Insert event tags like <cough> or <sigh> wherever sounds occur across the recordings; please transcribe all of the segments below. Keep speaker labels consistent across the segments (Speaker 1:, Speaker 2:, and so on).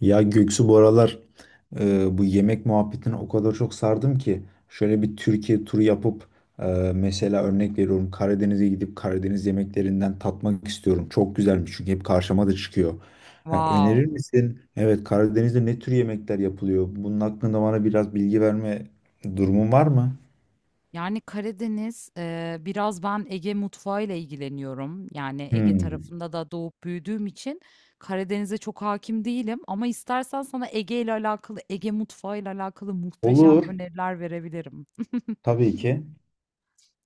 Speaker 1: Ya Göksu bu aralar bu yemek muhabbetine o kadar çok sardım ki şöyle bir Türkiye turu yapıp e, mesela örnek veriyorum Karadeniz'e gidip Karadeniz yemeklerinden tatmak istiyorum. Çok güzelmiş çünkü hep karşıma da çıkıyor. Ha,
Speaker 2: Wow.
Speaker 1: önerir misin? Evet, Karadeniz'de ne tür yemekler yapılıyor? Bunun hakkında bana biraz bilgi verme durumun var mı?
Speaker 2: Yani Karadeniz, biraz ben Ege mutfağıyla ilgileniyorum. Yani Ege
Speaker 1: Hmm.
Speaker 2: tarafında da doğup büyüdüğüm için Karadeniz'e çok hakim değilim. Ama istersen sana Ege ile alakalı, Ege mutfağı ile alakalı muhteşem
Speaker 1: Olur.
Speaker 2: öneriler verebilirim. <laughs>
Speaker 1: Tabii ki.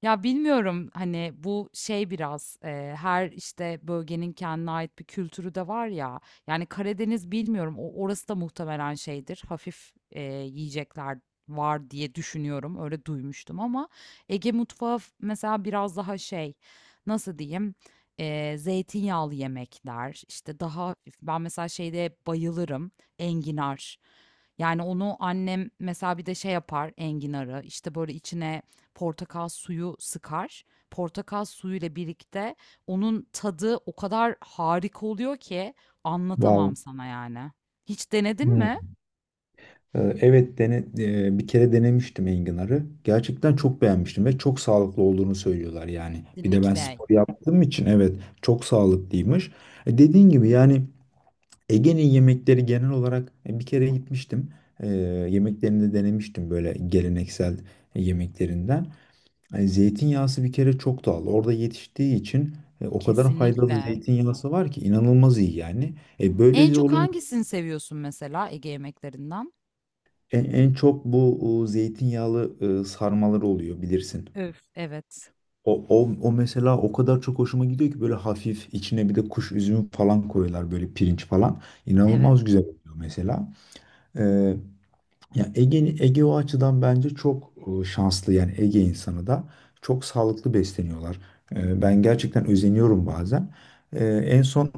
Speaker 2: Ya bilmiyorum hani bu şey biraz her işte bölgenin kendine ait bir kültürü de var ya. Yani Karadeniz bilmiyorum o orası da muhtemelen şeydir. Hafif yiyecekler var diye düşünüyorum. Öyle duymuştum ama Ege mutfağı mesela biraz daha şey, nasıl diyeyim? Zeytinyağlı yemekler işte daha hafif. Ben mesela şeyde bayılırım, enginar. Yani onu annem mesela bir de şey yapar, enginarı işte böyle içine portakal suyu sıkar. Portakal suyuyla birlikte onun tadı o kadar harika oluyor ki anlatamam
Speaker 1: Wow.
Speaker 2: sana yani. Hiç denedin mi?
Speaker 1: Hmm. Evet dene, bir kere denemiştim enginarı. Gerçekten çok beğenmiştim ve çok sağlıklı olduğunu söylüyorlar yani. Bir de ben
Speaker 2: Kesinlikle,
Speaker 1: spor yaptığım için evet, çok sağlıklıymış. Dediğin gibi yani Ege'nin yemekleri genel olarak, bir kere gitmiştim. E, Yemeklerini de denemiştim, böyle geleneksel yemeklerinden. Zeytinyağısı bir kere çok doğal. Orada yetiştiği için o kadar faydalı
Speaker 2: kesinlikle.
Speaker 1: zeytinyağısı var ki inanılmaz iyi yani.
Speaker 2: En
Speaker 1: Böylece
Speaker 2: çok
Speaker 1: olunca
Speaker 2: hangisini seviyorsun mesela Ege yemeklerinden?
Speaker 1: en, en çok bu zeytinyağlı sarmalar oluyor, bilirsin.
Speaker 2: Öf. Evet,
Speaker 1: O mesela o kadar çok hoşuma gidiyor ki, böyle hafif içine bir de kuş üzümü falan koyuyorlar, böyle pirinç falan.
Speaker 2: evet.
Speaker 1: İnanılmaz güzel oluyor mesela. Ya Ege, Ege o açıdan bence çok şanslı yani, Ege insanı da çok sağlıklı besleniyorlar. Ben gerçekten özeniyorum bazen. En son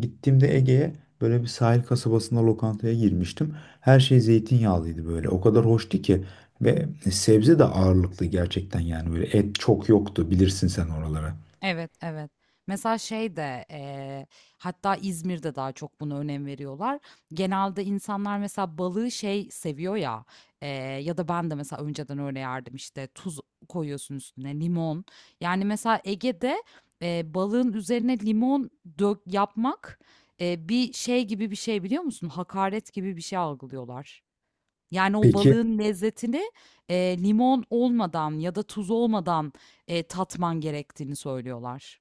Speaker 1: gittiğimde Ege'ye böyle bir sahil kasabasında lokantaya girmiştim. Her şey zeytinyağlıydı böyle. O kadar hoştu ki, ve sebze de ağırlıklı gerçekten yani, böyle et çok yoktu, bilirsin sen oralara.
Speaker 2: Evet, evet. Mesela şey de hatta İzmir'de daha çok buna önem veriyorlar. Genelde insanlar mesela balığı şey seviyor ya, eee, ya da ben de mesela önceden öyle yerdim, işte tuz koyuyorsun üstüne limon. Yani mesela Ege'de balığın üzerine limon dök yapmak bir şey gibi bir şey, biliyor musun? Hakaret gibi bir şey algılıyorlar. Yani o
Speaker 1: Peki.
Speaker 2: balığın lezzetini, limon olmadan ya da tuz olmadan, tatman gerektiğini söylüyorlar.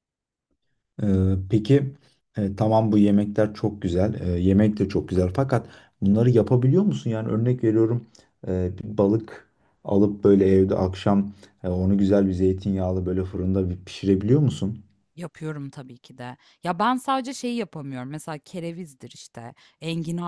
Speaker 1: Peki, tamam, bu yemekler çok güzel, yemek de çok güzel. Fakat bunları yapabiliyor musun? Yani örnek veriyorum, bir balık alıp böyle evde akşam, onu güzel bir zeytinyağlı böyle fırında bir pişirebiliyor musun?
Speaker 2: Yapıyorum tabii ki de. Ya ben sadece şeyi yapamıyorum. Mesela kerevizdir işte,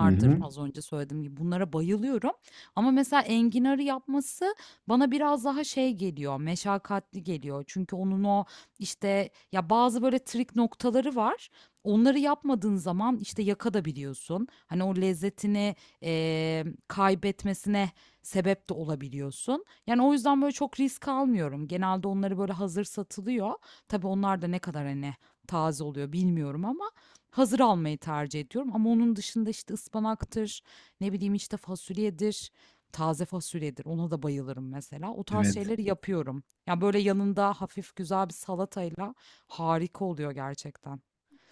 Speaker 1: Hı hı.
Speaker 2: Az önce söylediğim gibi bunlara bayılıyorum. Ama mesela enginarı yapması bana biraz daha şey geliyor, meşakkatli geliyor. Çünkü onun o işte ya bazı böyle trik noktaları var. Onları yapmadığın zaman işte yakadabiliyorsun. Hani o lezzetini kaybetmesine sebep de olabiliyorsun. Yani o yüzden böyle çok risk almıyorum. Genelde onları böyle hazır satılıyor. Tabii onlar da ne kadar, hani, taze oluyor bilmiyorum ama hazır almayı tercih ediyorum, ama onun dışında, işte, ıspanaktır, ne bileyim, işte, fasulyedir, taze fasulyedir, ona da bayılırım mesela. O tarz
Speaker 1: Evet.
Speaker 2: şeyleri yapıyorum. Yani böyle, yanında hafif güzel bir salatayla harika oluyor gerçekten.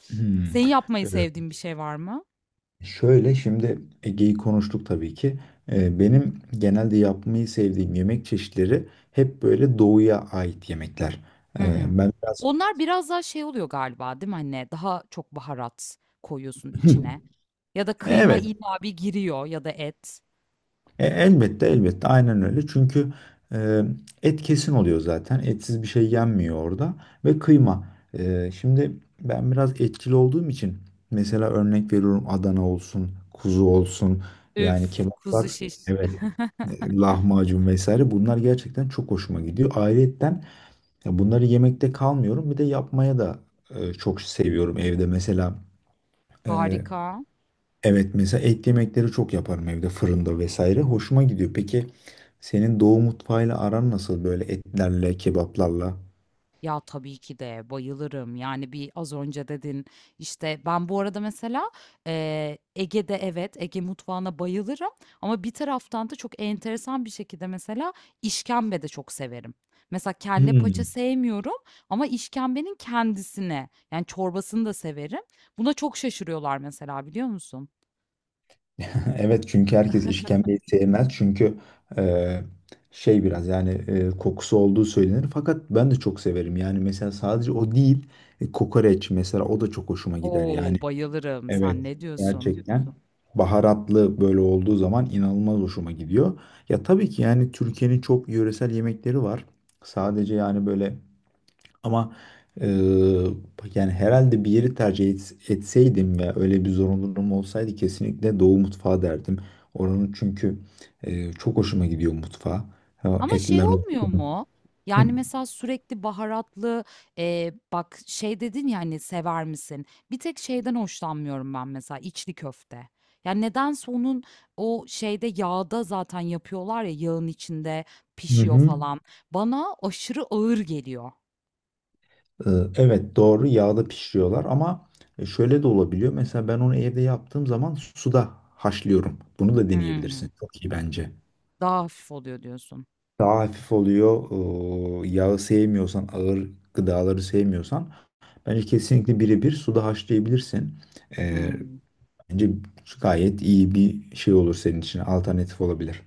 Speaker 1: Hmm.
Speaker 2: Senin yapmayı
Speaker 1: Evet.
Speaker 2: sevdiğin bir şey var mı?
Speaker 1: Şöyle, şimdi Ege'yi konuştuk tabii ki. Benim genelde yapmayı sevdiğim yemek çeşitleri hep böyle doğuya ait yemekler.
Speaker 2: Hı hı.
Speaker 1: Ben biraz
Speaker 2: Onlar biraz daha şey oluyor galiba, değil mi, anne? Daha çok baharat koyuyorsun
Speaker 1: <laughs>
Speaker 2: içine, ya da kıyma
Speaker 1: evet.
Speaker 2: illa bir giriyor ya da et.
Speaker 1: Elbette elbette aynen öyle. Çünkü e, et kesin oluyor zaten. Etsiz bir şey yenmiyor orada. Ve kıyma. Şimdi ben biraz etçil olduğum için mesela örnek veriyorum, Adana olsun, kuzu olsun.
Speaker 2: Üf,
Speaker 1: Yani
Speaker 2: kuzu
Speaker 1: kebaplar,
Speaker 2: şiş.
Speaker 1: evet,
Speaker 2: <laughs>
Speaker 1: lahmacun vesaire, bunlar gerçekten çok hoşuma gidiyor. Ayrıyetten, ya bunları yemekte kalmıyorum. Bir de yapmaya da çok seviyorum evde. Mesela e,
Speaker 2: Harika.
Speaker 1: evet, mesela et yemekleri çok yaparım evde, fırında vesaire. Hoşuma gidiyor. Peki senin doğu mutfağıyla aran nasıl böyle, etlerle, kebaplarla?
Speaker 2: Ya, tabii ki de bayılırım. Yani, bir az önce dedin, işte, ben bu arada mesela, Ege'de evet, Ege mutfağına bayılırım ama bir taraftan da çok enteresan bir şekilde mesela işkembe de çok severim. Mesela kelle paça
Speaker 1: Hmm.
Speaker 2: sevmiyorum ama işkembenin kendisine yani, çorbasını da severim. Buna çok şaşırıyorlar mesela, biliyor musun?
Speaker 1: <laughs> Evet, çünkü herkes işkembeyi sevmez. Çünkü e, şey biraz yani, kokusu olduğu söylenir. Fakat ben de çok severim. Yani mesela sadece o değil, kokoreç mesela, o da çok hoşuma gider. Yani
Speaker 2: Oo, bayılırım. Sen
Speaker 1: evet,
Speaker 2: ne diyorsun?
Speaker 1: gerçekten baharatlı böyle olduğu zaman inanılmaz hoşuma gidiyor. Ya tabii ki yani Türkiye'nin çok yöresel yemekleri var. Sadece yani böyle, ama e, yani herhalde bir yeri etseydim ve öyle bir zorunluluğum olsaydı kesinlikle Doğu mutfağı derdim. Oranın çünkü çok hoşuma gidiyor mutfağı. Ha,
Speaker 2: Ama şey
Speaker 1: etler
Speaker 2: olmuyor
Speaker 1: olsun.
Speaker 2: mu?
Speaker 1: Hı.
Speaker 2: Yani, mesela sürekli baharatlı, bak şey dedin ya, hani, "Sever misin?" Bir tek şeyden hoşlanmıyorum ben mesela, içli köfte. Yani nedense onun o şeyde yağda zaten yapıyorlar ya, yağın içinde
Speaker 1: Hı
Speaker 2: pişiyor
Speaker 1: hı.
Speaker 2: falan. Bana aşırı ağır geliyor.
Speaker 1: Ee, Evet, doğru, yağda pişiriyorlar ama şöyle de olabiliyor. Mesela ben onu evde yaptığım zaman suda haşlıyorum. Bunu da
Speaker 2: Hımm.
Speaker 1: deneyebilirsin. Çok iyi bence.
Speaker 2: Daha hafif oluyor diyorsun.
Speaker 1: Daha hafif oluyor. Yağı sevmiyorsan, ağır gıdaları sevmiyorsan bence kesinlikle birebir suda haşlayabilirsin. Ee,
Speaker 2: Hımm.
Speaker 1: Bence gayet iyi bir şey olur senin için. Alternatif olabilir.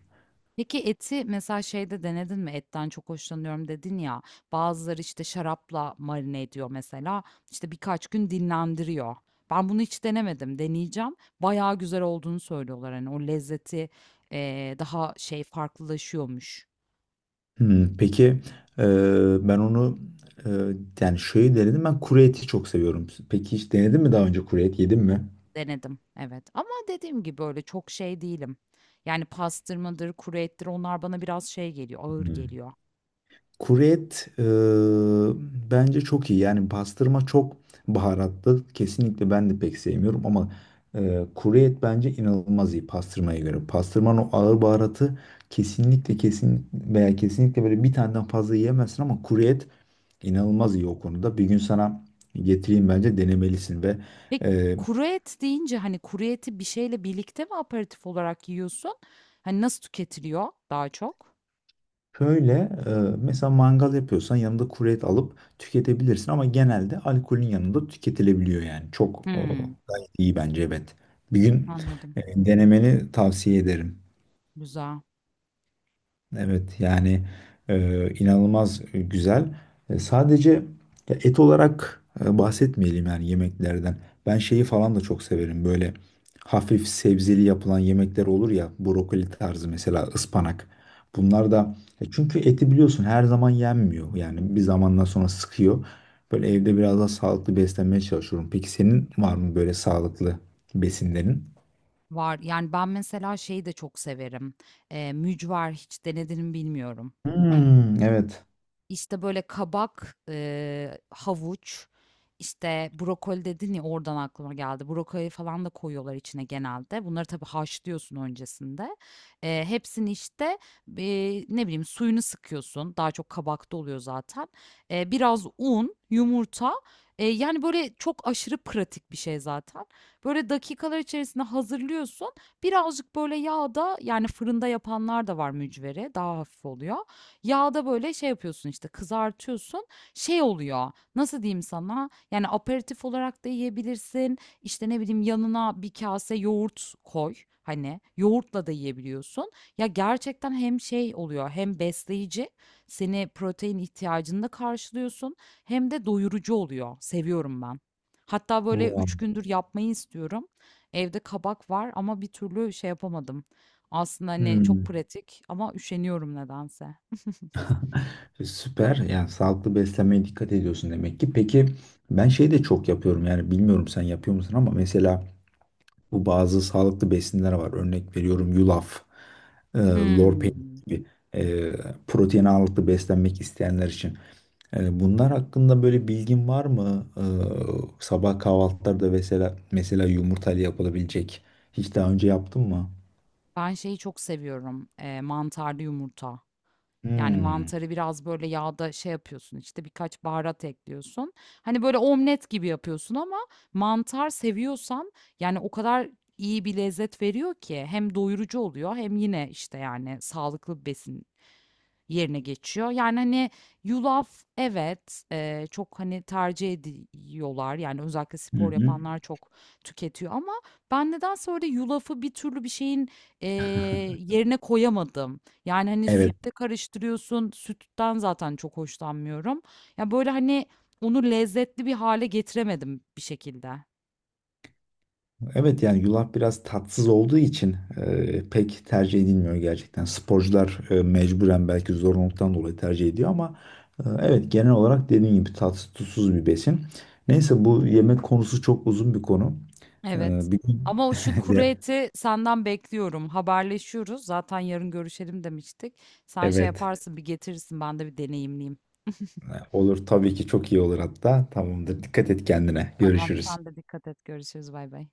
Speaker 2: Peki eti mesela şeyde denedin mi? Etten çok hoşlanıyorum dedin ya. Bazıları işte şarapla marine ediyor mesela. İşte birkaç gün dinlendiriyor. Ben bunu hiç denemedim. Deneyeceğim. Bayağı güzel olduğunu söylüyorlar. Hani o lezzeti daha şey farklılaşıyormuş.
Speaker 1: Hmm, peki, e, ben onu e, yani şöyle denedim. Ben kuru eti çok seviyorum. Peki hiç denedin mi daha önce, kuru et yedin mi?
Speaker 2: Denedim. Evet. Ama dediğim gibi öyle çok şey değilim. Yani pastırmadır, kuru ettir, onlar bana biraz şey geliyor, ağır
Speaker 1: Hmm.
Speaker 2: geliyor.
Speaker 1: Kuru et bence çok iyi. Yani pastırma çok baharatlı. Kesinlikle ben de pek sevmiyorum ama kuru et bence inanılmaz iyi pastırmaya göre. Pastırmanın o ağır baharatı kesinlikle kesin veya kesinlikle böyle bir taneden fazla yiyemezsin ama kuru et inanılmaz iyi o konuda. Bir gün sana getireyim, bence denemelisin ve
Speaker 2: Peki,
Speaker 1: e,
Speaker 2: kuru et deyince, hani, kuru eti bir şeyle birlikte mi aperatif olarak yiyorsun? Hani, nasıl tüketiliyor daha çok?
Speaker 1: şöyle mesela mangal yapıyorsan yanında kuru et alıp tüketebilirsin ama genelde alkolün yanında tüketilebiliyor yani. Çok
Speaker 2: Hımm,
Speaker 1: gayet iyi bence, evet. Bir gün
Speaker 2: anladım.
Speaker 1: denemeni tavsiye ederim.
Speaker 2: Güzel.
Speaker 1: Evet yani inanılmaz güzel. Sadece ya et olarak bahsetmeyelim yani yemeklerden. Ben şeyi falan da çok severim, böyle hafif sebzeli yapılan yemekler olur ya, brokoli tarzı, mesela ıspanak. Bunlar da çünkü eti biliyorsun her zaman yenmiyor yani bir zamandan sonra sıkıyor. Böyle evde biraz daha sağlıklı beslenmeye çalışıyorum. Peki senin var mı böyle sağlıklı besinlerin?
Speaker 2: Var. Yani, ben mesela şeyi de çok severim. Mücver hiç denedin mi bilmiyorum.
Speaker 1: Hmm, evet.
Speaker 2: İşte böyle kabak, havuç, işte brokoli dedin ya, oradan aklıma geldi. Brokoli falan da koyuyorlar içine genelde. Bunları tabii haşlıyorsun öncesinde. Hepsini işte ne bileyim suyunu sıkıyorsun. Daha çok kabakta oluyor zaten. Biraz un, yumurta. Yani böyle çok aşırı pratik bir şey zaten. Böyle dakikalar içerisinde hazırlıyorsun. Birazcık böyle yağda, yani fırında yapanlar da var mücveri. Daha hafif oluyor. Yağda böyle şey yapıyorsun, işte kızartıyorsun. Şey oluyor. Nasıl diyeyim sana? Yani aperatif olarak da yiyebilirsin. İşte ne bileyim, yanına bir kase yoğurt koy. Hani yoğurtla da yiyebiliyorsun. Ya gerçekten hem şey oluyor hem besleyici. Seni protein ihtiyacını da karşılıyorsun. Hem de doyurucu oluyor. Seviyorum ben. Hatta böyle
Speaker 1: Wow.
Speaker 2: üç gündür yapmayı istiyorum. Evde kabak var ama bir türlü şey yapamadım. Aslında hani çok
Speaker 1: Hmm.
Speaker 2: pratik ama üşeniyorum nedense.
Speaker 1: Süper. Yani sağlıklı beslenmeye dikkat ediyorsun demek ki. Peki ben şey de çok yapıyorum yani, bilmiyorum sen yapıyor musun ama, mesela bu bazı sağlıklı besinler var. Örnek veriyorum, yulaf, lor peyniri
Speaker 2: Hımm.
Speaker 1: gibi e, protein ağırlıklı beslenmek isteyenler için. Bunlar hakkında böyle bilgin var mı? Sabah kahvaltılarda mesela yumurtayla yapılabilecek. Hiç daha önce yaptın mı?
Speaker 2: Ben şeyi çok seviyorum, mantarlı yumurta. Yani
Speaker 1: Hmm.
Speaker 2: mantarı biraz böyle yağda şey yapıyorsun, işte, birkaç baharat ekliyorsun. Hani, böyle omlet gibi yapıyorsun ama mantar seviyorsan, yani, o kadar iyi bir lezzet veriyor ki hem doyurucu oluyor hem yine, işte, yani, sağlıklı bir besin yerine geçiyor. Yani, hani, yulaf evet, çok, hani, tercih ediyorlar. Yani, özellikle
Speaker 1: Hı
Speaker 2: spor
Speaker 1: hı.
Speaker 2: yapanlar çok tüketiyor ama ben nedense öyle yulafı bir türlü bir şeyin, eee, yerine koyamadım. Yani, hani,
Speaker 1: Evet.
Speaker 2: sütle karıştırıyorsun, sütten zaten çok hoşlanmıyorum. Ya, böyle, hani, onu lezzetli bir hale getiremedim bir şekilde.
Speaker 1: Evet yani yulaf biraz tatsız olduğu için pek tercih edilmiyor gerçekten. Sporcular mecburen belki zorunluluktan dolayı tercih ediyor ama evet, genel olarak dediğim gibi tatsız tuzsuz bir besin. Neyse, bu yemek konusu çok uzun bir konu. E,
Speaker 2: Evet.
Speaker 1: Bir gün
Speaker 2: Ama o şu
Speaker 1: <laughs>
Speaker 2: kuru
Speaker 1: de-
Speaker 2: eti senden bekliyorum. Haberleşiyoruz. Zaten yarın görüşelim demiştik. Sen şey, evet,
Speaker 1: evet,
Speaker 2: yaparsın, bir getirirsin. Ben de bir deneyimleyeyim. <laughs>
Speaker 1: olur tabii ki, çok iyi olur hatta. Tamamdır. Dikkat et kendine.
Speaker 2: Tamam,
Speaker 1: Görüşürüz.
Speaker 2: sen de dikkat et. Görüşürüz. Bay bay.